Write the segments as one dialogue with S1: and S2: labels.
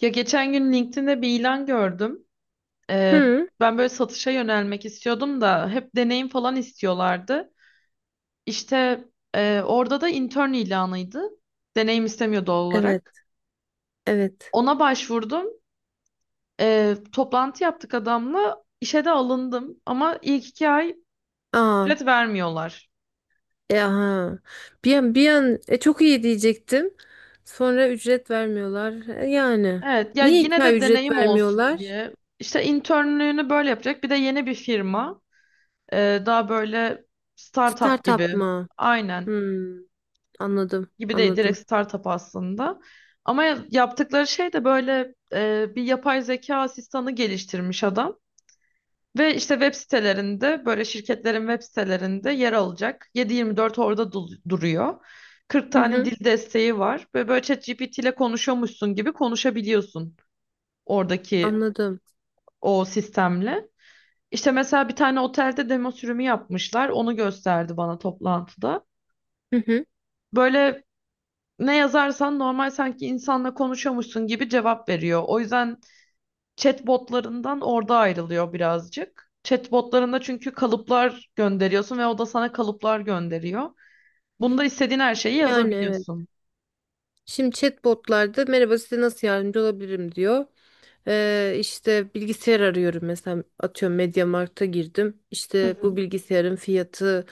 S1: Ya geçen gün LinkedIn'de bir ilan gördüm. Ee,
S2: Hı,
S1: ben böyle satışa yönelmek istiyordum da hep deneyim falan istiyorlardı. İşte orada da intern ilanıydı. Deneyim istemiyor doğal
S2: evet,
S1: olarak.
S2: evet.
S1: Ona başvurdum. Toplantı yaptık adamla. İşe de alındım ama ilk 2 ay
S2: Aa,
S1: ücret vermiyorlar.
S2: e aha. Çok iyi diyecektim. Sonra ücret vermiyorlar. Yani.
S1: Evet ya,
S2: Niye iki
S1: yine
S2: ay
S1: de
S2: ücret
S1: deneyim olsun
S2: vermiyorlar?
S1: diye. İşte internlüğünü böyle yapacak. Bir de yeni bir firma. Daha böyle startup
S2: Startup
S1: gibi.
S2: mı?
S1: Aynen.
S2: Hmm, anladım,
S1: Gibi değil, direkt
S2: anladım.
S1: startup aslında. Ama yaptıkları şey de böyle bir yapay zeka asistanı geliştirmiş adam. Ve işte web sitelerinde, böyle şirketlerin web sitelerinde yer alacak. 7-24 orada duruyor. 40
S2: Hı
S1: tane
S2: hı,
S1: dil desteği var. Ve böyle ChatGPT ile konuşuyormuşsun gibi konuşabiliyorsun oradaki
S2: anladım.
S1: o sistemle. İşte mesela bir tane otelde demo sürümü yapmışlar. Onu gösterdi bana toplantıda.
S2: Hı hı.
S1: Böyle ne yazarsan, normal sanki insanla konuşuyormuşsun gibi cevap veriyor. O yüzden chatbotlarından orada ayrılıyor birazcık. Chatbotlarında çünkü kalıplar gönderiyorsun ve o da sana kalıplar gönderiyor. Bunda istediğin her şeyi
S2: Yani evet.
S1: yazabiliyorsun.
S2: Şimdi chatbotlarda merhaba size nasıl yardımcı olabilirim diyor. İşte bilgisayar arıyorum mesela atıyorum MediaMarkt'a girdim.
S1: Hı
S2: İşte bu
S1: hı.
S2: bilgisayarın fiyatı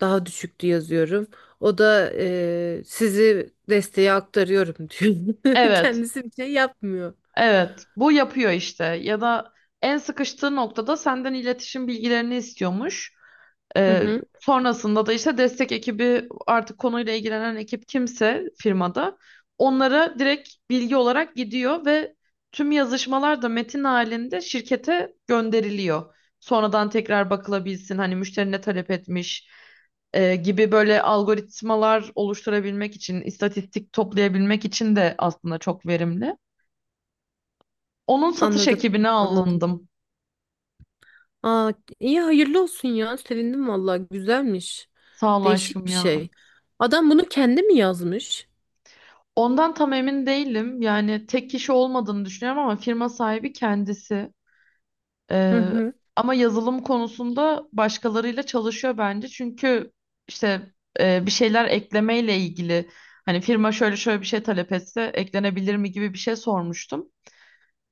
S2: daha düşüktü yazıyorum. O da sizi desteğe aktarıyorum diyor.
S1: Evet,
S2: Kendisi bir şey yapmıyor.
S1: evet. Bu yapıyor işte. Ya da en sıkıştığı noktada senden iletişim bilgilerini istiyormuş.
S2: Hı
S1: Ee,
S2: hı,
S1: sonrasında da işte destek ekibi, artık konuyla ilgilenen ekip kimse firmada, onlara direkt bilgi olarak gidiyor ve tüm yazışmalar da metin halinde şirkete gönderiliyor. Sonradan tekrar bakılabilsin hani, müşteri ne talep etmiş gibi, böyle algoritmalar oluşturabilmek için, istatistik toplayabilmek için de aslında çok verimli. Onun satış
S2: anladım
S1: ekibine
S2: anladım.
S1: alındım.
S2: Aa, iyi hayırlı olsun ya sevindim vallahi güzelmiş.
S1: Sağ ol
S2: Değişik
S1: aşkım
S2: bir
S1: ya.
S2: şey. Adam bunu kendi mi yazmış?
S1: Ondan tam emin değilim. Yani tek kişi olmadığını düşünüyorum ama firma sahibi kendisi.
S2: Hı
S1: Ee,
S2: hı,
S1: ama yazılım konusunda başkalarıyla çalışıyor bence. Çünkü işte bir şeyler eklemeyle ilgili, hani firma şöyle şöyle bir şey talep etse eklenebilir mi gibi bir şey sormuştum.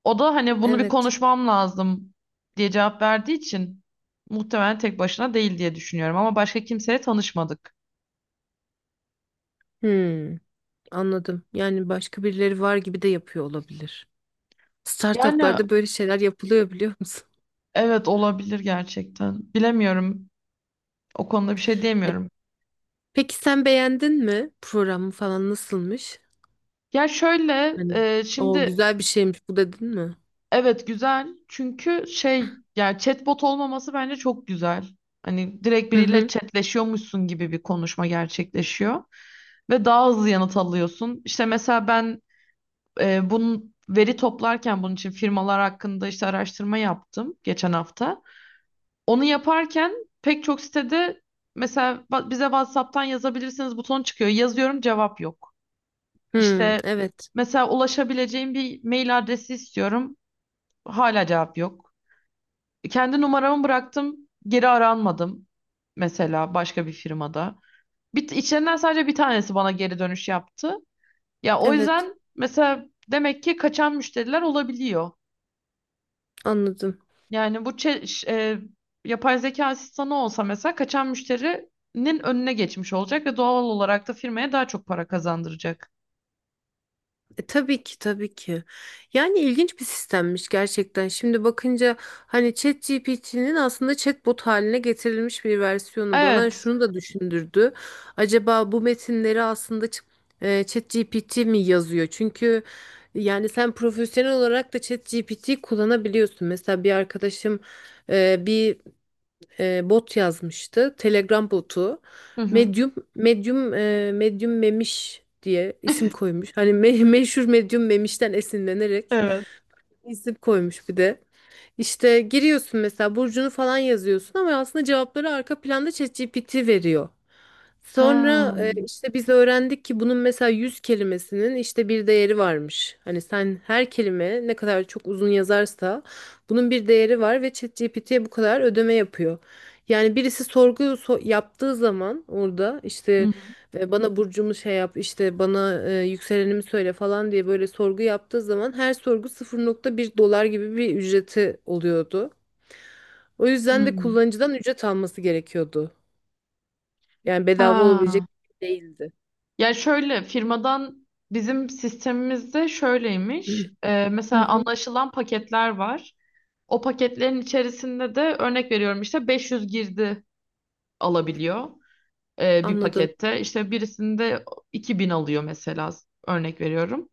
S1: O da hani bunu bir
S2: evet.
S1: konuşmam lazım diye cevap verdiği için muhtemelen tek başına değil diye düşünüyorum ama başka kimseye tanışmadık.
S2: Hmm, anladım. Yani başka birileri var gibi de yapıyor olabilir.
S1: Yani
S2: Startuplarda böyle şeyler yapılıyor biliyor musun?
S1: evet, olabilir gerçekten. Bilemiyorum. O konuda bir şey
S2: E,
S1: diyemiyorum.
S2: peki sen beğendin mi? Programı falan nasılmış?
S1: Ya şöyle
S2: Hani o
S1: şimdi
S2: güzel bir şeymiş bu dedin mi?
S1: evet, güzel. Çünkü şey, yani chatbot olmaması bence çok güzel. Hani direkt
S2: Hı
S1: biriyle
S2: hı.
S1: chatleşiyormuşsun gibi bir konuşma gerçekleşiyor ve daha hızlı yanıt alıyorsun. İşte mesela ben bunun veri toplarken, bunun için firmalar hakkında işte araştırma yaptım geçen hafta. Onu yaparken pek çok sitede mesela bize WhatsApp'tan yazabilirsiniz butonu çıkıyor. Yazıyorum, cevap yok.
S2: Hı,
S1: İşte
S2: evet.
S1: mesela ulaşabileceğim bir mail adresi istiyorum. Hala cevap yok. Kendi numaramı bıraktım. Geri aranmadım. Mesela başka bir firmada. Bir, içlerinden sadece bir tanesi bana geri dönüş yaptı. Ya o
S2: Evet.
S1: yüzden mesela, demek ki kaçan müşteriler olabiliyor.
S2: Anladım.
S1: Yani bu yapay zeka asistanı olsa mesela kaçan müşterinin önüne geçmiş olacak ve doğal olarak da firmaya daha çok para kazandıracak.
S2: Tabii ki tabii ki. Yani ilginç bir sistemmiş gerçekten. Şimdi bakınca hani ChatGPT'nin aslında chatbot haline getirilmiş bir versiyonu bana
S1: Evet.
S2: şunu da düşündürdü. Acaba bu metinleri aslında ChatGPT mi yazıyor? Çünkü yani sen profesyonel olarak da ChatGPT kullanabiliyorsun. Mesela bir arkadaşım e, bir bot yazmıştı. Telegram botu.
S1: Hı hı.
S2: Medium Memiş diye isim koymuş. Meşhur Medium Memiş'ten esinlenerek
S1: Evet.
S2: isim koymuş bir de. İşte giriyorsun mesela burcunu falan yazıyorsun ama aslında cevapları arka planda ChatGPT veriyor.
S1: Ha.
S2: Sonra işte biz öğrendik ki bunun mesela 100 kelimesinin işte bir değeri varmış. Hani sen her kelime ne kadar çok uzun yazarsa bunun bir değeri var ve ChatGPT'ye bu kadar ödeme yapıyor. Yani birisi yaptığı zaman orada
S1: Hı
S2: işte
S1: hı.
S2: ve bana burcumu şey yap işte bana yükselenimi söyle falan diye böyle sorgu yaptığı zaman her sorgu 0,1 dolar gibi bir ücreti oluyordu. O yüzden de
S1: Hmm.
S2: kullanıcıdan ücret alması gerekiyordu. Yani bedava olabilecek
S1: Ha.
S2: bir şey değildi.
S1: Ya şöyle, firmadan bizim sistemimizde şöyleymiş.
S2: Hı
S1: Mesela
S2: hı,
S1: anlaşılan paketler var. O paketlerin içerisinde de, örnek veriyorum, işte 500 girdi alabiliyor bir
S2: anladım.
S1: pakette. İşte birisinde 2.000 alıyor mesela, örnek veriyorum.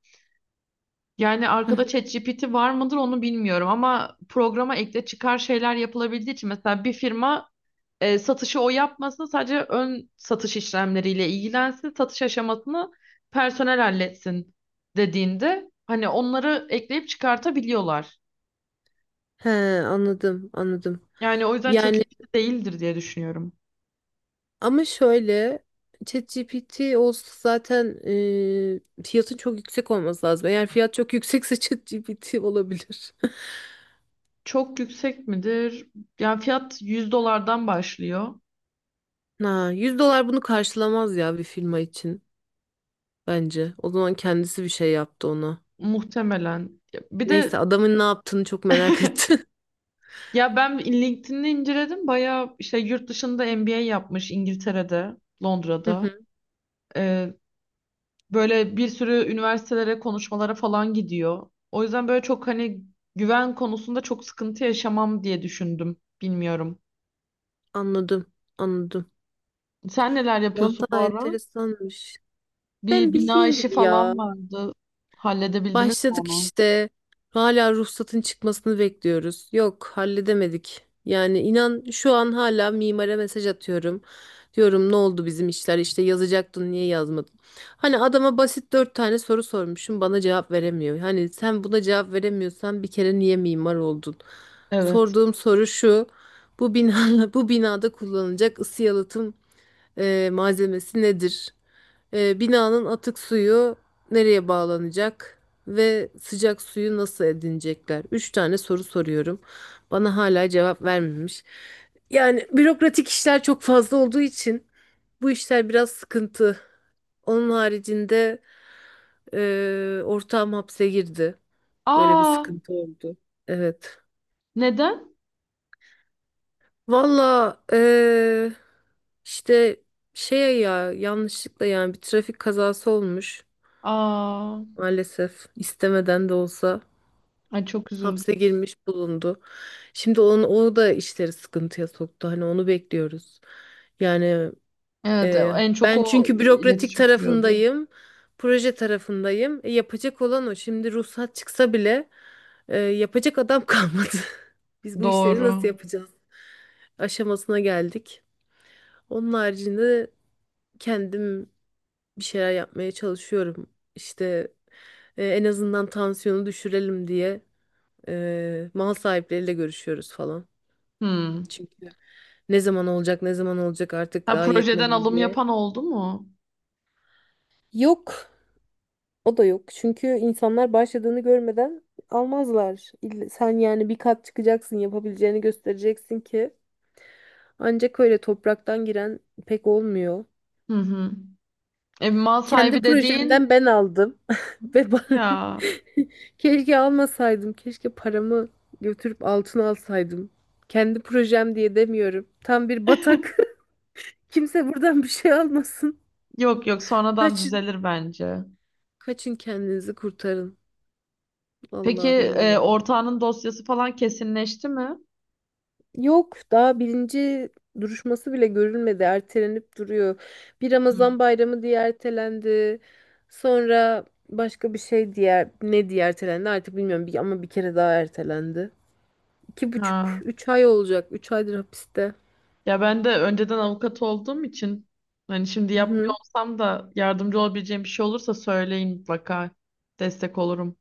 S1: Yani
S2: Hı hı.
S1: arkada ChatGPT var mıdır onu bilmiyorum ama programa ekle çıkar şeyler yapılabildiği için, mesela bir firma satışı o yapmasın, sadece ön satış işlemleriyle ilgilensin, satış aşamasını personel halletsin dediğinde hani onları ekleyip çıkartabiliyorlar.
S2: He, anladım, anladım.
S1: Yani o yüzden
S2: Yani
S1: ChatGPT değildir diye düşünüyorum.
S2: ama şöyle ChatGPT olsa zaten fiyatın çok yüksek olması lazım. Eğer fiyat çok yüksekse ChatGPT olabilir.
S1: Çok yüksek midir? Yani fiyat 100 dolardan başlıyor
S2: Ha, 100 dolar bunu karşılamaz ya bir firma için bence. O zaman kendisi bir şey yaptı ona.
S1: muhtemelen. Bir de
S2: Neyse adamın ne yaptığını çok merak ettim.
S1: ya, ben LinkedIn'i inceledim. Bayağı işte yurt dışında MBA yapmış, İngiltere'de,
S2: Hı
S1: Londra'da.
S2: hı,
S1: Ee, Böyle bir sürü üniversitelere, konuşmalara falan gidiyor. O yüzden böyle çok, hani güven konusunda çok sıkıntı yaşamam diye düşündüm. Bilmiyorum.
S2: anladım, anladım.
S1: Sen neler yapıyorsun bu
S2: Vallahi
S1: ara?
S2: enteresanmış. Ben
S1: Bir bina
S2: bildiğin
S1: işi
S2: gibi ya.
S1: falan vardı. Halledebildiniz mi
S2: Başladık
S1: onu?
S2: işte. Hala ruhsatın çıkmasını bekliyoruz. Yok, halledemedik. Yani inan şu an hala mimara mesaj atıyorum. Diyorum ne oldu bizim işler işte yazacaktın niye yazmadın? Hani adama basit dört tane soru sormuşum bana cevap veremiyor. Hani sen buna cevap veremiyorsan bir kere niye mimar oldun?
S1: Evet.
S2: Sorduğum soru şu. Bu binada kullanılacak ısı yalıtım malzemesi nedir? Binanın atık suyu nereye bağlanacak? Ve sıcak suyu nasıl edinecekler? Üç tane soru soruyorum. Bana hala cevap vermemiş. Yani bürokratik işler çok fazla olduğu için bu işler biraz sıkıntı. Onun haricinde ortağım hapse girdi. Böyle bir
S1: Aa,
S2: sıkıntı oldu. Evet.
S1: neden?
S2: Valla e, işte şey ya Yanlışlıkla yani bir trafik kazası olmuş.
S1: Aa,
S2: Maalesef istemeden de olsa
S1: ay çok üzüldüm.
S2: hapse girmiş bulundu. O da işleri sıkıntıya soktu. Hani onu bekliyoruz. Yani
S1: Evet,
S2: e,
S1: en çok
S2: Ben
S1: o
S2: çünkü
S1: iletişim kuruyordu.
S2: proje tarafındayım. Yapacak olan o. Şimdi ruhsat çıksa bile yapacak adam kalmadı. Biz bu işleri
S1: Doğru.
S2: nasıl yapacağız? Aşamasına geldik. Onun haricinde kendim bir şeyler yapmaya çalışıyorum. İşte en azından tansiyonu düşürelim diye. Mal sahipleriyle görüşüyoruz falan.
S1: Hmm.
S2: Çünkü ne zaman olacak, ne zaman olacak artık
S1: Ha,
S2: daha yetmedi
S1: projeden
S2: mi
S1: alım
S2: diye.
S1: yapan oldu mu?
S2: Yok. O da yok. Çünkü insanlar başladığını görmeden almazlar. İlle- Sen yani bir kat çıkacaksın, yapabileceğini göstereceksin ki. Ancak öyle topraktan giren pek olmuyor.
S1: Hı hı. E, mal
S2: Kendi
S1: sahibi dediğin
S2: projemden ben aldım. Ve ba-
S1: ya.
S2: Keşke almasaydım. Keşke paramı götürüp altın alsaydım. Kendi projem diye demiyorum. Tam bir batak. Kimse buradan bir şey almasın.
S1: Yok yok, sonradan
S2: Kaçın.
S1: düzelir bence.
S2: Kaçın kendinizi kurtarın.
S1: Peki
S2: Allah bilmiyorum.
S1: ortağının dosyası falan kesinleşti mi?
S2: Yok daha birinci duruşması bile görülmedi. Ertelenip duruyor. Bir
S1: Hmm.
S2: Ramazan bayramı diye ertelendi. Sonra başka bir şey diye ne diye ertelendi artık bilmiyorum. Bir, ama bir kere daha ertelendi. İki buçuk,
S1: Ha.
S2: üç ay olacak. Üç aydır hapiste.
S1: Ya, ben de önceden avukat olduğum için, hani şimdi
S2: Hı
S1: yapmıyor
S2: hı.
S1: olsam da, yardımcı olabileceğim bir şey olursa söyleyin mutlaka. Destek olurum.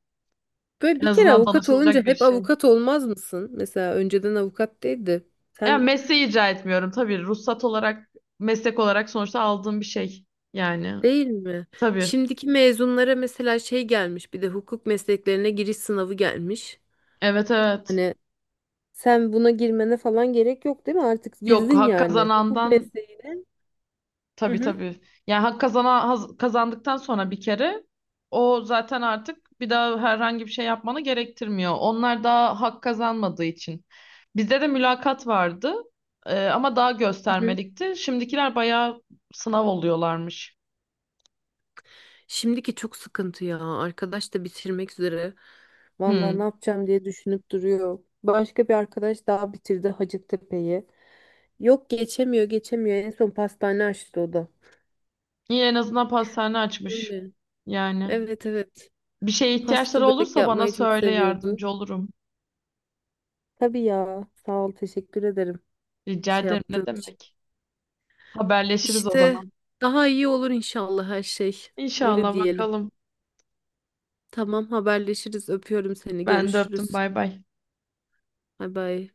S2: Böyle
S1: En
S2: bir kere
S1: azından
S2: avukat
S1: danışılacak
S2: olunca
S1: bir
S2: hep
S1: şey.
S2: avukat olmaz mısın? Mesela önceden avukat değildi.
S1: Ya
S2: Sen
S1: mesleği icra etmiyorum tabii. Ruhsat olarak, meslek olarak sonuçta aldığım bir şey. Yani
S2: değil mi?
S1: tabii.
S2: Şimdiki mezunlara mesela şey gelmiş bir de hukuk mesleklerine giriş sınavı gelmiş.
S1: Evet, evet.
S2: Hani sen buna girmene falan gerek yok değil mi? Artık
S1: Yok,
S2: girdin
S1: hak
S2: yani hukuk
S1: kazanandan.
S2: mesleğine. Hı
S1: Tabii,
S2: hı.
S1: tabii. Yani hak kazana, kazandıktan sonra bir kere, o zaten artık bir daha herhangi bir şey yapmanı gerektirmiyor. Onlar daha hak kazanmadığı için. Bizde de mülakat vardı ama daha
S2: Hı hı.
S1: göstermelikti. Şimdikiler bayağı sınav oluyorlarmış.
S2: Şimdiki çok sıkıntı ya. Arkadaş da bitirmek üzere. Vallahi ne
S1: Hmm.
S2: yapacağım diye düşünüp duruyor. Başka bir arkadaş daha bitirdi Hacettepe'yi. Yok geçemiyor geçemiyor. En son pastane açtı o da.
S1: Yine en azından pastane açmış
S2: Öyle.
S1: yani.
S2: Evet evet.
S1: Bir şeye
S2: Pasta
S1: ihtiyaçları
S2: börek
S1: olursa bana
S2: yapmayı çok
S1: söyle,
S2: seviyordu.
S1: yardımcı olurum.
S2: Tabii ya. Sağ ol. Teşekkür ederim.
S1: Rica
S2: Şey
S1: ederim, ne
S2: yaptığın için.
S1: demek. Haberleşiriz o
S2: İşte
S1: zaman.
S2: daha iyi olur inşallah her şey. Öyle
S1: İnşallah,
S2: diyelim.
S1: bakalım.
S2: Tamam haberleşiriz. Öpüyorum seni.
S1: Ben de öptüm,
S2: Görüşürüz.
S1: bay bay.
S2: Bay bay.